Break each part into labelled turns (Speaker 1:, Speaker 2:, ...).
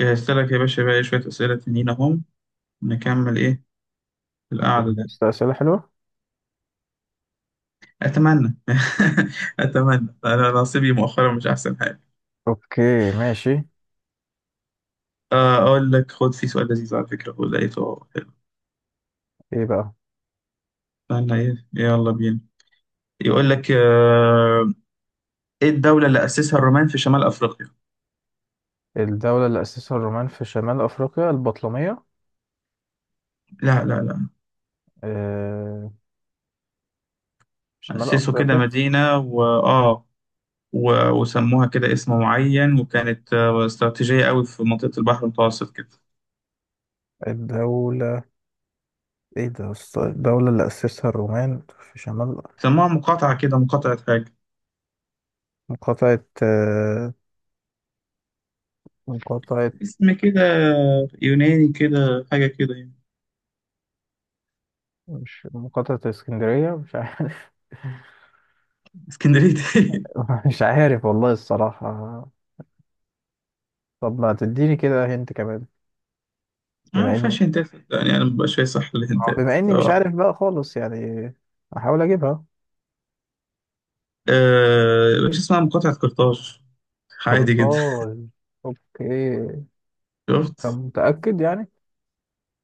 Speaker 1: جهزت لك يا باشا بقى إيه شوية أسئلة تانيين أهم نكمل. إيه القعدة دي؟
Speaker 2: بس أسئلة حلوة.
Speaker 1: أتمنى. أتمنى، أنا نصيبي مؤخرا مش أحسن حاجة.
Speaker 2: أوكي ماشي.
Speaker 1: أقول لك خد، في سؤال لذيذ على فكرة، هو لقيته حلو.
Speaker 2: إيه بقى؟
Speaker 1: استنى، إيه، يلا بينا. يقول لك إيه الدولة اللي أسسها الرومان في شمال أفريقيا؟
Speaker 2: الدولة اللي أسسها الرومان في شمال أفريقيا البطلمية.
Speaker 1: لا لا لا.
Speaker 2: آه... شمال
Speaker 1: أسسوا كده
Speaker 2: أفريقيا.
Speaker 1: مدينة و وسموها كده اسم معين، وكانت استراتيجية قوي في منطقة البحر المتوسط كده.
Speaker 2: الدولة، إيه ده يا أسطى؟ الدولة اللي أسسها الرومان في شمال.
Speaker 1: سموها مقاطعة كده، مقاطعة حاجة،
Speaker 2: مقاطعة. مقاطعة.
Speaker 1: اسم كده يوناني كده حاجة كده يعني.
Speaker 2: مش مقاطعة اسكندرية، مش عارف.
Speaker 1: اسكندريه.
Speaker 2: مش عارف والله الصراحة. طب ما تديني كده هنت كمان.
Speaker 1: اه ما
Speaker 2: بما إني
Speaker 1: فيهاش هنتات يعني، انا مبقاش فايق، صح، الهنتات
Speaker 2: بما إني مش
Speaker 1: اه.
Speaker 2: عارف بقى خالص، يعني أحاول أجيبها.
Speaker 1: مش اسمها مقاطعة قرطاج؟ عادي جدا.
Speaker 2: قرطاج. اوكي. طب
Speaker 1: شفت.
Speaker 2: متأكد يعني؟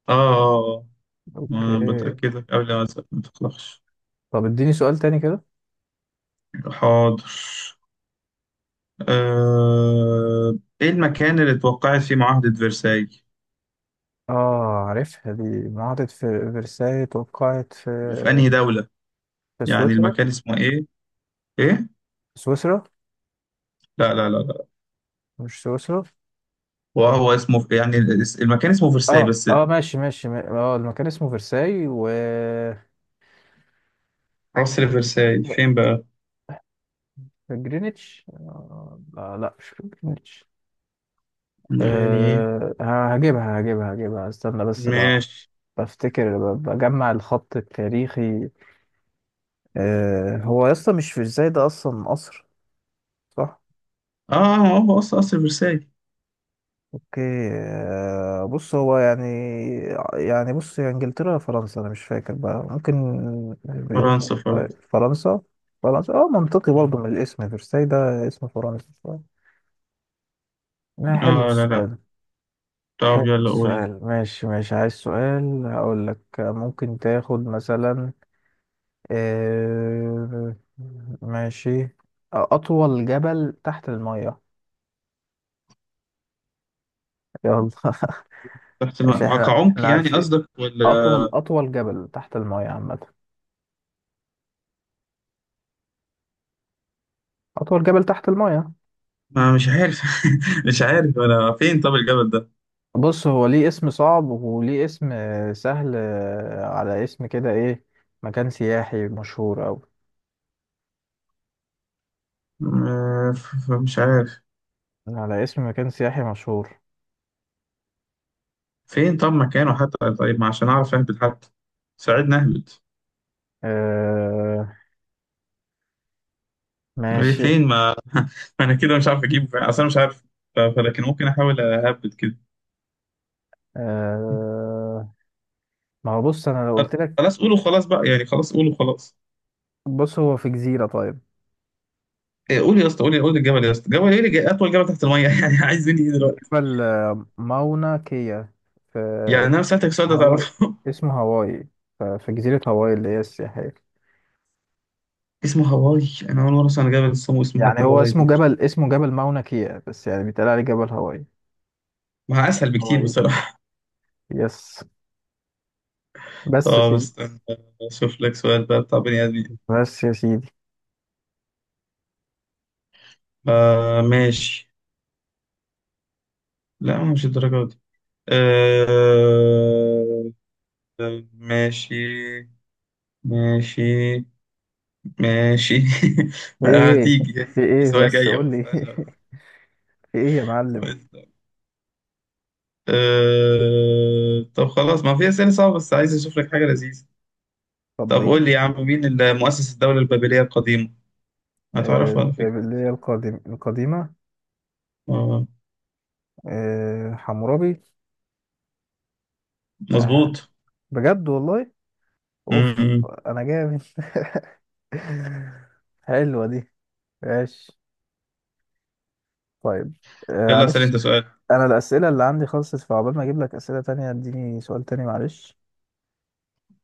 Speaker 1: اه،
Speaker 2: اوكي.
Speaker 1: ما بتأكدك قبل ما أسأل، ما تقلقش.
Speaker 2: طب اديني سؤال تاني كده.
Speaker 1: حاضر. ايه المكان اللي اتوقعت فيه معاهدة فرساي؟
Speaker 2: اه عارفها دي، معاهدة في فرساي توقعت في،
Speaker 1: وفي انهي دولة؟
Speaker 2: في
Speaker 1: يعني
Speaker 2: سويسرا.
Speaker 1: المكان اسمه ايه؟ ايه؟
Speaker 2: سويسرا.
Speaker 1: لا لا لا لا.
Speaker 2: مش سويسرا.
Speaker 1: وهو اسمه يعني؟ المكان اسمه فرساي
Speaker 2: اه
Speaker 1: بس.
Speaker 2: اه ماشي ماشي اه المكان اسمه فرساي و
Speaker 1: قصر فرساي فين بقى؟
Speaker 2: جرينتش. لا لا، مش في جرينتش.
Speaker 1: لا يعني ايه؟
Speaker 2: هجيبها استنى بس بقى.
Speaker 1: ماشي.
Speaker 2: بفتكر، بجمع الخط التاريخي. آه هو اصلا مش فرساي ده، اصلا قصر. صح.
Speaker 1: اه هو اصلا اصل فرساي.
Speaker 2: اوكي. بص هو يعني، يعني بص، يا انجلترا يا فرنسا، انا مش فاكر بقى. ممكن.
Speaker 1: فرنسا، فرنسا.
Speaker 2: فرنسا. فرنسا. اه منطقي برضه، من الاسم فرساي ده اسم فرنسي. ما حلو
Speaker 1: اه لا لا.
Speaker 2: السؤال.
Speaker 1: طب
Speaker 2: حلو
Speaker 1: يلا قولي.
Speaker 2: السؤال ماشي ماشي. عايز سؤال هقول لك؟ ممكن تاخد مثلا، آه، ماشي، اطول جبل تحت المية. يلا.
Speaker 1: تحت
Speaker 2: مش احنا،
Speaker 1: كعمق
Speaker 2: احنا
Speaker 1: يعني
Speaker 2: عارفين.
Speaker 1: قصدك ولا؟
Speaker 2: اطول جبل تحت المية عامة. أطول جبل تحت المايه.
Speaker 1: ما مش عارف. مش عارف ولا فين، طب الجبل ده.
Speaker 2: بص، هو ليه اسم صعب وليه اسم سهل، على اسم كده، إيه؟ مكان سياحي مشهور أوي،
Speaker 1: مش عارف.
Speaker 2: على اسم مكان سياحي مشهور.
Speaker 1: فين طب مكانه حتى، طيب ما عشان اعرف اهبط حتى، ساعدني اهبط.
Speaker 2: آه
Speaker 1: إيه
Speaker 2: ماشي.
Speaker 1: فين ما ما انا كده مش عارف اجيبه، فين اصلا مش عارف. فلكن ممكن احاول اهبط كده.
Speaker 2: آه، ما هو بص، أنا لو قلت لك.
Speaker 1: خلاص قولوا خلاص بقى، يعني خلاص قولوا خلاص.
Speaker 2: بص هو في جزيرة طيب.
Speaker 1: إيه، قول يا اسطى، قول قول الجبل يا اسطى، جبل ايه اطول جبل تحت الميه؟ يعني عايز مني ايه دلوقتي؟
Speaker 2: جبل، ماونا كيا، في
Speaker 1: يعني انا سالتك سؤال ده
Speaker 2: هاواي.
Speaker 1: تعرفه؟
Speaker 2: اسمه هاواي. في جزيرة هاواي اللي هي السياحية.
Speaker 1: اسمه هواي! انا اول مره اسمع عن جبل اسمه اسمه
Speaker 2: يعني
Speaker 1: حتى
Speaker 2: هو
Speaker 1: هواي ده.
Speaker 2: اسمه جبل، اسمه جبل ماونا كيا، بس يعني بيتقال عليه جبل هاواي.
Speaker 1: ما اسهل بكتير
Speaker 2: هاواي،
Speaker 1: بصراحه.
Speaker 2: يس. بس يا
Speaker 1: طب
Speaker 2: سيدي.
Speaker 1: استنى اشوف لك سؤال بقى بتاع بني ادمين.
Speaker 2: بس يا سيدي.
Speaker 1: آه ماشي. لا مش الدرجه دي. آه. ماشي، ماشي، ماشي.
Speaker 2: ايه؟
Speaker 1: هتيجي.
Speaker 2: في
Speaker 1: في
Speaker 2: ايه
Speaker 1: سؤال
Speaker 2: بس،
Speaker 1: جاي أهو،
Speaker 2: قول لي.
Speaker 1: استنى.
Speaker 2: في ايه يا معلم؟
Speaker 1: طب خلاص ما في أسئلة صعبة، بس عايز أشوف لك حاجة لذيذة.
Speaker 2: طب
Speaker 1: طب
Speaker 2: ايه
Speaker 1: قول
Speaker 2: ما
Speaker 1: لي يا عم،
Speaker 2: تقول.
Speaker 1: مين اللي مؤسس الدولة البابلية القديمة؟ هتعرفها على فكرة.
Speaker 2: اللي هي القديم، القديمة.
Speaker 1: آه،
Speaker 2: حمورابي. آه،
Speaker 1: مظبوط.
Speaker 2: بجد والله. اوف،
Speaker 1: م-م.
Speaker 2: انا جامد. حلوة دي. ماشي. طيب.
Speaker 1: يلا أسأل
Speaker 2: معلش،
Speaker 1: أنت سؤال.
Speaker 2: انا الاسئلة اللي عندي خلصت، فعقبال ما اجيب لك اسئلة تانية اديني سؤال تاني معلش.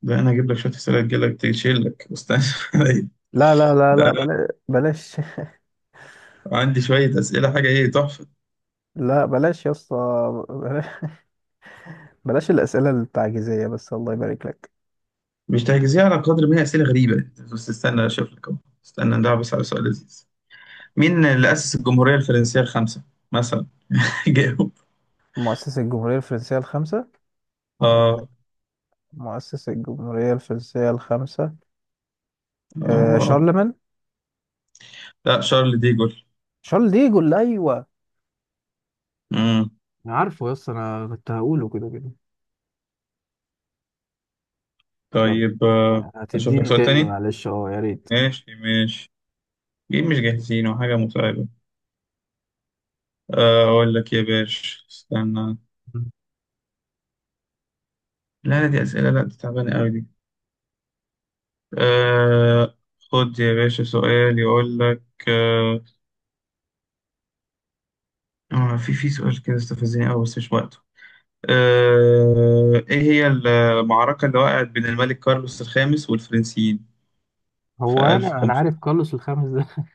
Speaker 1: ده أنا هجيب لك شوية أسئلة تجيلك تشيلك. استنى عليا.
Speaker 2: لا لا لا لا،
Speaker 1: ده
Speaker 2: بلاش.
Speaker 1: أنا عندي شوية أسئلة حاجة إيه تحفة.
Speaker 2: لا بلاش يا اسطى، بلاش، بلاش الاسئلة التعجيزية بس، الله يبارك لك.
Speaker 1: مش تحجزيها على قدر ما هي أسئلة غريبة، بس استنى أشوف لك أهو. استنى ندعبس بس على سؤال لذيذ. مين اللي أسس الجمهورية الفرنسية الخامسة مثلا؟ جاوب.
Speaker 2: مؤسس الجمهورية الفرنسية الخامسة.
Speaker 1: آه.
Speaker 2: مؤسس الجمهورية الفرنسية الخامسة.
Speaker 1: آه.
Speaker 2: آه،
Speaker 1: آه.
Speaker 2: شارلمان.
Speaker 1: لا، شارل
Speaker 2: شارل ديجو اللي، أيوه
Speaker 1: ديجول.
Speaker 2: انا عارفه، يس انا كنت هقوله كده كده. طيب،
Speaker 1: طيب أشوف لك
Speaker 2: هتديني
Speaker 1: سؤال
Speaker 2: تاني
Speaker 1: تاني.
Speaker 2: معلش؟ اه، يا ريت.
Speaker 1: ماشي ماشي. ليه مش جاهزين وحاجة متعبة. أقول لك يا باشا استنى. لا لا دي أسئلة، لا دي تعبانة أوي دي. أه، خد يا باشا سؤال يقول لك أه، في سؤال كده استفزني أوي بس مش وقته. أه، إيه هي المعركة اللي وقعت بين الملك كارلوس الخامس والفرنسيين في
Speaker 2: هو انا عارف
Speaker 1: 1500؟
Speaker 2: كارلوس الخامس ده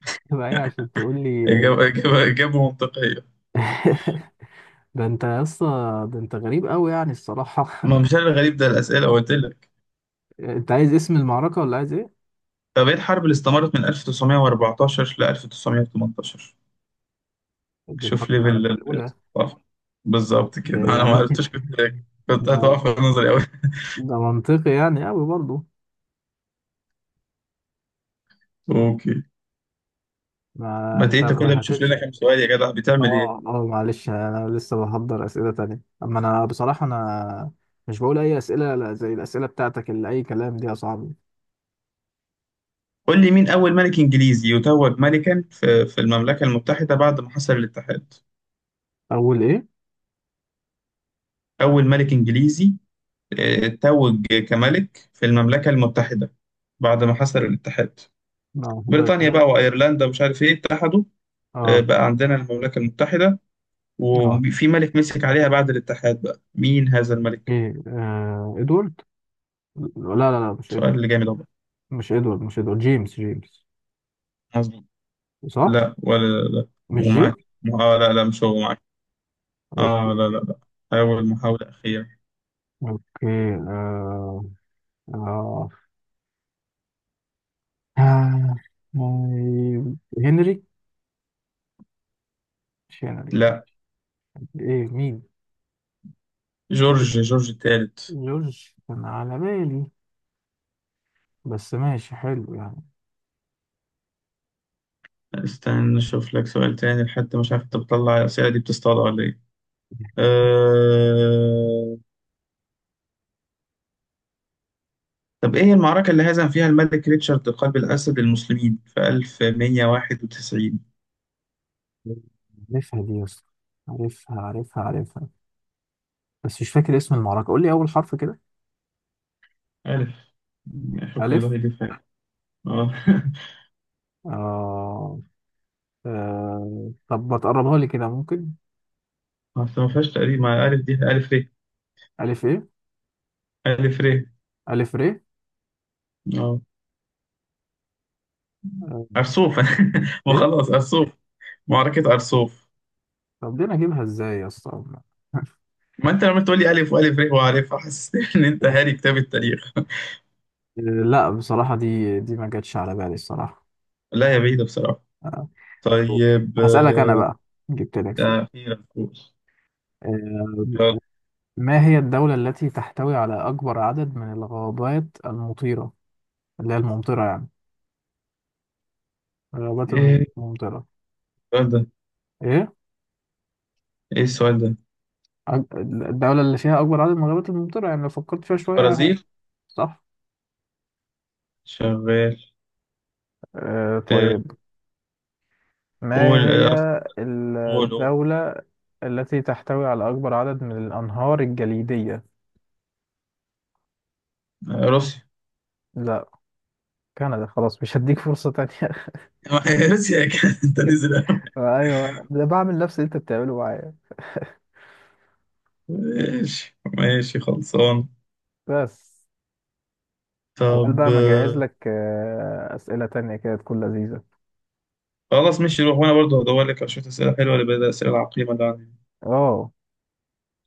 Speaker 2: تبقى ايه؟ عشان تقول لي
Speaker 1: إجابة إجابة إجابة منطقية.
Speaker 2: ده انت يا اسطى، ده انت غريب قوي يعني الصراحه.
Speaker 1: ما مش أنا الغريب، ده الأسئلة قلت لك.
Speaker 2: انت عايز اسم المعركه ولا عايز ايه؟
Speaker 1: طب ايه الحرب اللي استمرت من 1914 ل 1918؟
Speaker 2: دي الحرب
Speaker 1: شوف ليفل
Speaker 2: العالميه الاولى.
Speaker 1: الثقافة. بالظبط كده،
Speaker 2: ده
Speaker 1: انا ما
Speaker 2: يعني
Speaker 1: عرفتش، كنت كنت
Speaker 2: ده،
Speaker 1: هتقف في نظري قوي.
Speaker 2: ده منطقي يعني قوي برضه.
Speaker 1: اوكي.
Speaker 2: ما
Speaker 1: ما
Speaker 2: انت
Speaker 1: انت كده
Speaker 2: ما
Speaker 1: بتشوف لنا
Speaker 2: هتمشي.
Speaker 1: كام سؤال يا جدع، بتعمل ايه؟
Speaker 2: اه اه، معلش انا لسه بحضر اسئله تانية، اما انا بصراحه، انا مش بقول اي اسئله، لا زي الاسئله بتاعتك اللي اي كلام دي يا صاحبي.
Speaker 1: قول لي مين اول ملك انجليزي يتوج ملكا في المملكة المتحدة بعد ما حصل الاتحاد؟
Speaker 2: اول ايه؟
Speaker 1: اول ملك انجليزي توج كملك في المملكة المتحدة بعد ما حصل الاتحاد.
Speaker 2: اه،
Speaker 1: بريطانيا بقى
Speaker 2: هاد.
Speaker 1: وايرلندا ومش عارف ايه اتحدوا،
Speaker 2: اه
Speaker 1: بقى عندنا المملكة المتحدة،
Speaker 2: اه.
Speaker 1: وفي ملك مسك عليها بعد الاتحاد، بقى مين هذا الملك؟
Speaker 2: ايه، آه ادوارد. لا لا لا مش
Speaker 1: سؤال
Speaker 2: ادوارد،
Speaker 1: اللي جامد أهو.
Speaker 2: مش ادوارد، مش ادوارد. جيمس
Speaker 1: مظبوط.
Speaker 2: صح.
Speaker 1: لا ولا لا لا.
Speaker 2: مش
Speaker 1: ومعاك.
Speaker 2: جيمس.
Speaker 1: اه لا لا مش هو، معاك. اه لا لا
Speaker 2: اوكي.
Speaker 1: لا. أول محاولة أخيرة.
Speaker 2: اوكي. آه آه، آه، هنري. مش هنري.
Speaker 1: لا.
Speaker 2: ايه، مين؟
Speaker 1: جورج، جورج الثالث.
Speaker 2: جورج كان على بالي، بس ماشي حلو يعني.
Speaker 1: استنى نشوف لك سؤال تاني، لحد مش عارف انت بتطلع الأسئلة دي بتصطاد ولا ايه. أه... طب ايه المعركة اللي هزم فيها الملك ريتشارد قلب الأسد المسلمين في 1191؟
Speaker 2: عارفها دي يا اسطى، عارفها، بس مش فاكر اسم المعركة. قول لي أول حرف كده.
Speaker 1: ألف. حكم الله
Speaker 2: ألف.
Speaker 1: يدفع. اه.
Speaker 2: آه. آه. طب ما تقربها لي كده ممكن؟
Speaker 1: اصل ما فيهاش تقريب، مع الف دي الف ر.
Speaker 2: ألف إيه؟
Speaker 1: الف ر.
Speaker 2: ألف ر.
Speaker 1: اه.
Speaker 2: آه.
Speaker 1: ارسوف. ما
Speaker 2: إيه؟
Speaker 1: خلاص ارسوف، معركة ارسوف.
Speaker 2: طب دي أنا أجيبها إزاي يا اسطى؟
Speaker 1: ما انت لما تقول لي الف والف ر وعارفها، حسستني ان انت هاري كتاب التاريخ.
Speaker 2: لا بصراحة، دي ما جاتش على بالي الصراحة.
Speaker 1: لا يا بعيدة بصراحة.
Speaker 2: آه.
Speaker 1: طيب
Speaker 2: هسألك أنا بقى، جبت لك
Speaker 1: ده
Speaker 2: سؤال.
Speaker 1: اخيرا نقول.
Speaker 2: آه،
Speaker 1: يلا.
Speaker 2: ما هي الدولة التي تحتوي على أكبر عدد من الغابات المطيرة، اللي هي الممطرة يعني، الغابات
Speaker 1: ايه
Speaker 2: الممطرة؟
Speaker 1: السؤال ده؟
Speaker 2: إيه؟
Speaker 1: ايه السؤال ده؟
Speaker 2: الدولة اللي فيها أكبر عدد من الغابات الممطرة، يعني لو فكرت فيها شوية ه-.
Speaker 1: البرازيل.
Speaker 2: صح.
Speaker 1: شغال.
Speaker 2: آه
Speaker 1: آه،
Speaker 2: طيب، ما
Speaker 1: قول
Speaker 2: هي
Speaker 1: قول قول.
Speaker 2: الدولة التي تحتوي على أكبر عدد من الأنهار الجليدية؟
Speaker 1: روسيا.
Speaker 2: لا، كندا، خلاص مش هديك فرصة تانية.
Speaker 1: روسيا كانت، انت نزل.
Speaker 2: أيوه، ده بعمل نفس اللي أنت بتعمله معايا.
Speaker 1: ماشي ماشي خلصان.
Speaker 2: بس أول
Speaker 1: طب
Speaker 2: بقى ما أجهز لك أسئلة تانية كده تكون لذيذة.
Speaker 1: خلاص ماشي روح، وانا برضه هدور لك على شويه اسئله حلوه لبعض الاسئله العقيمه اللي عندي.
Speaker 2: أه.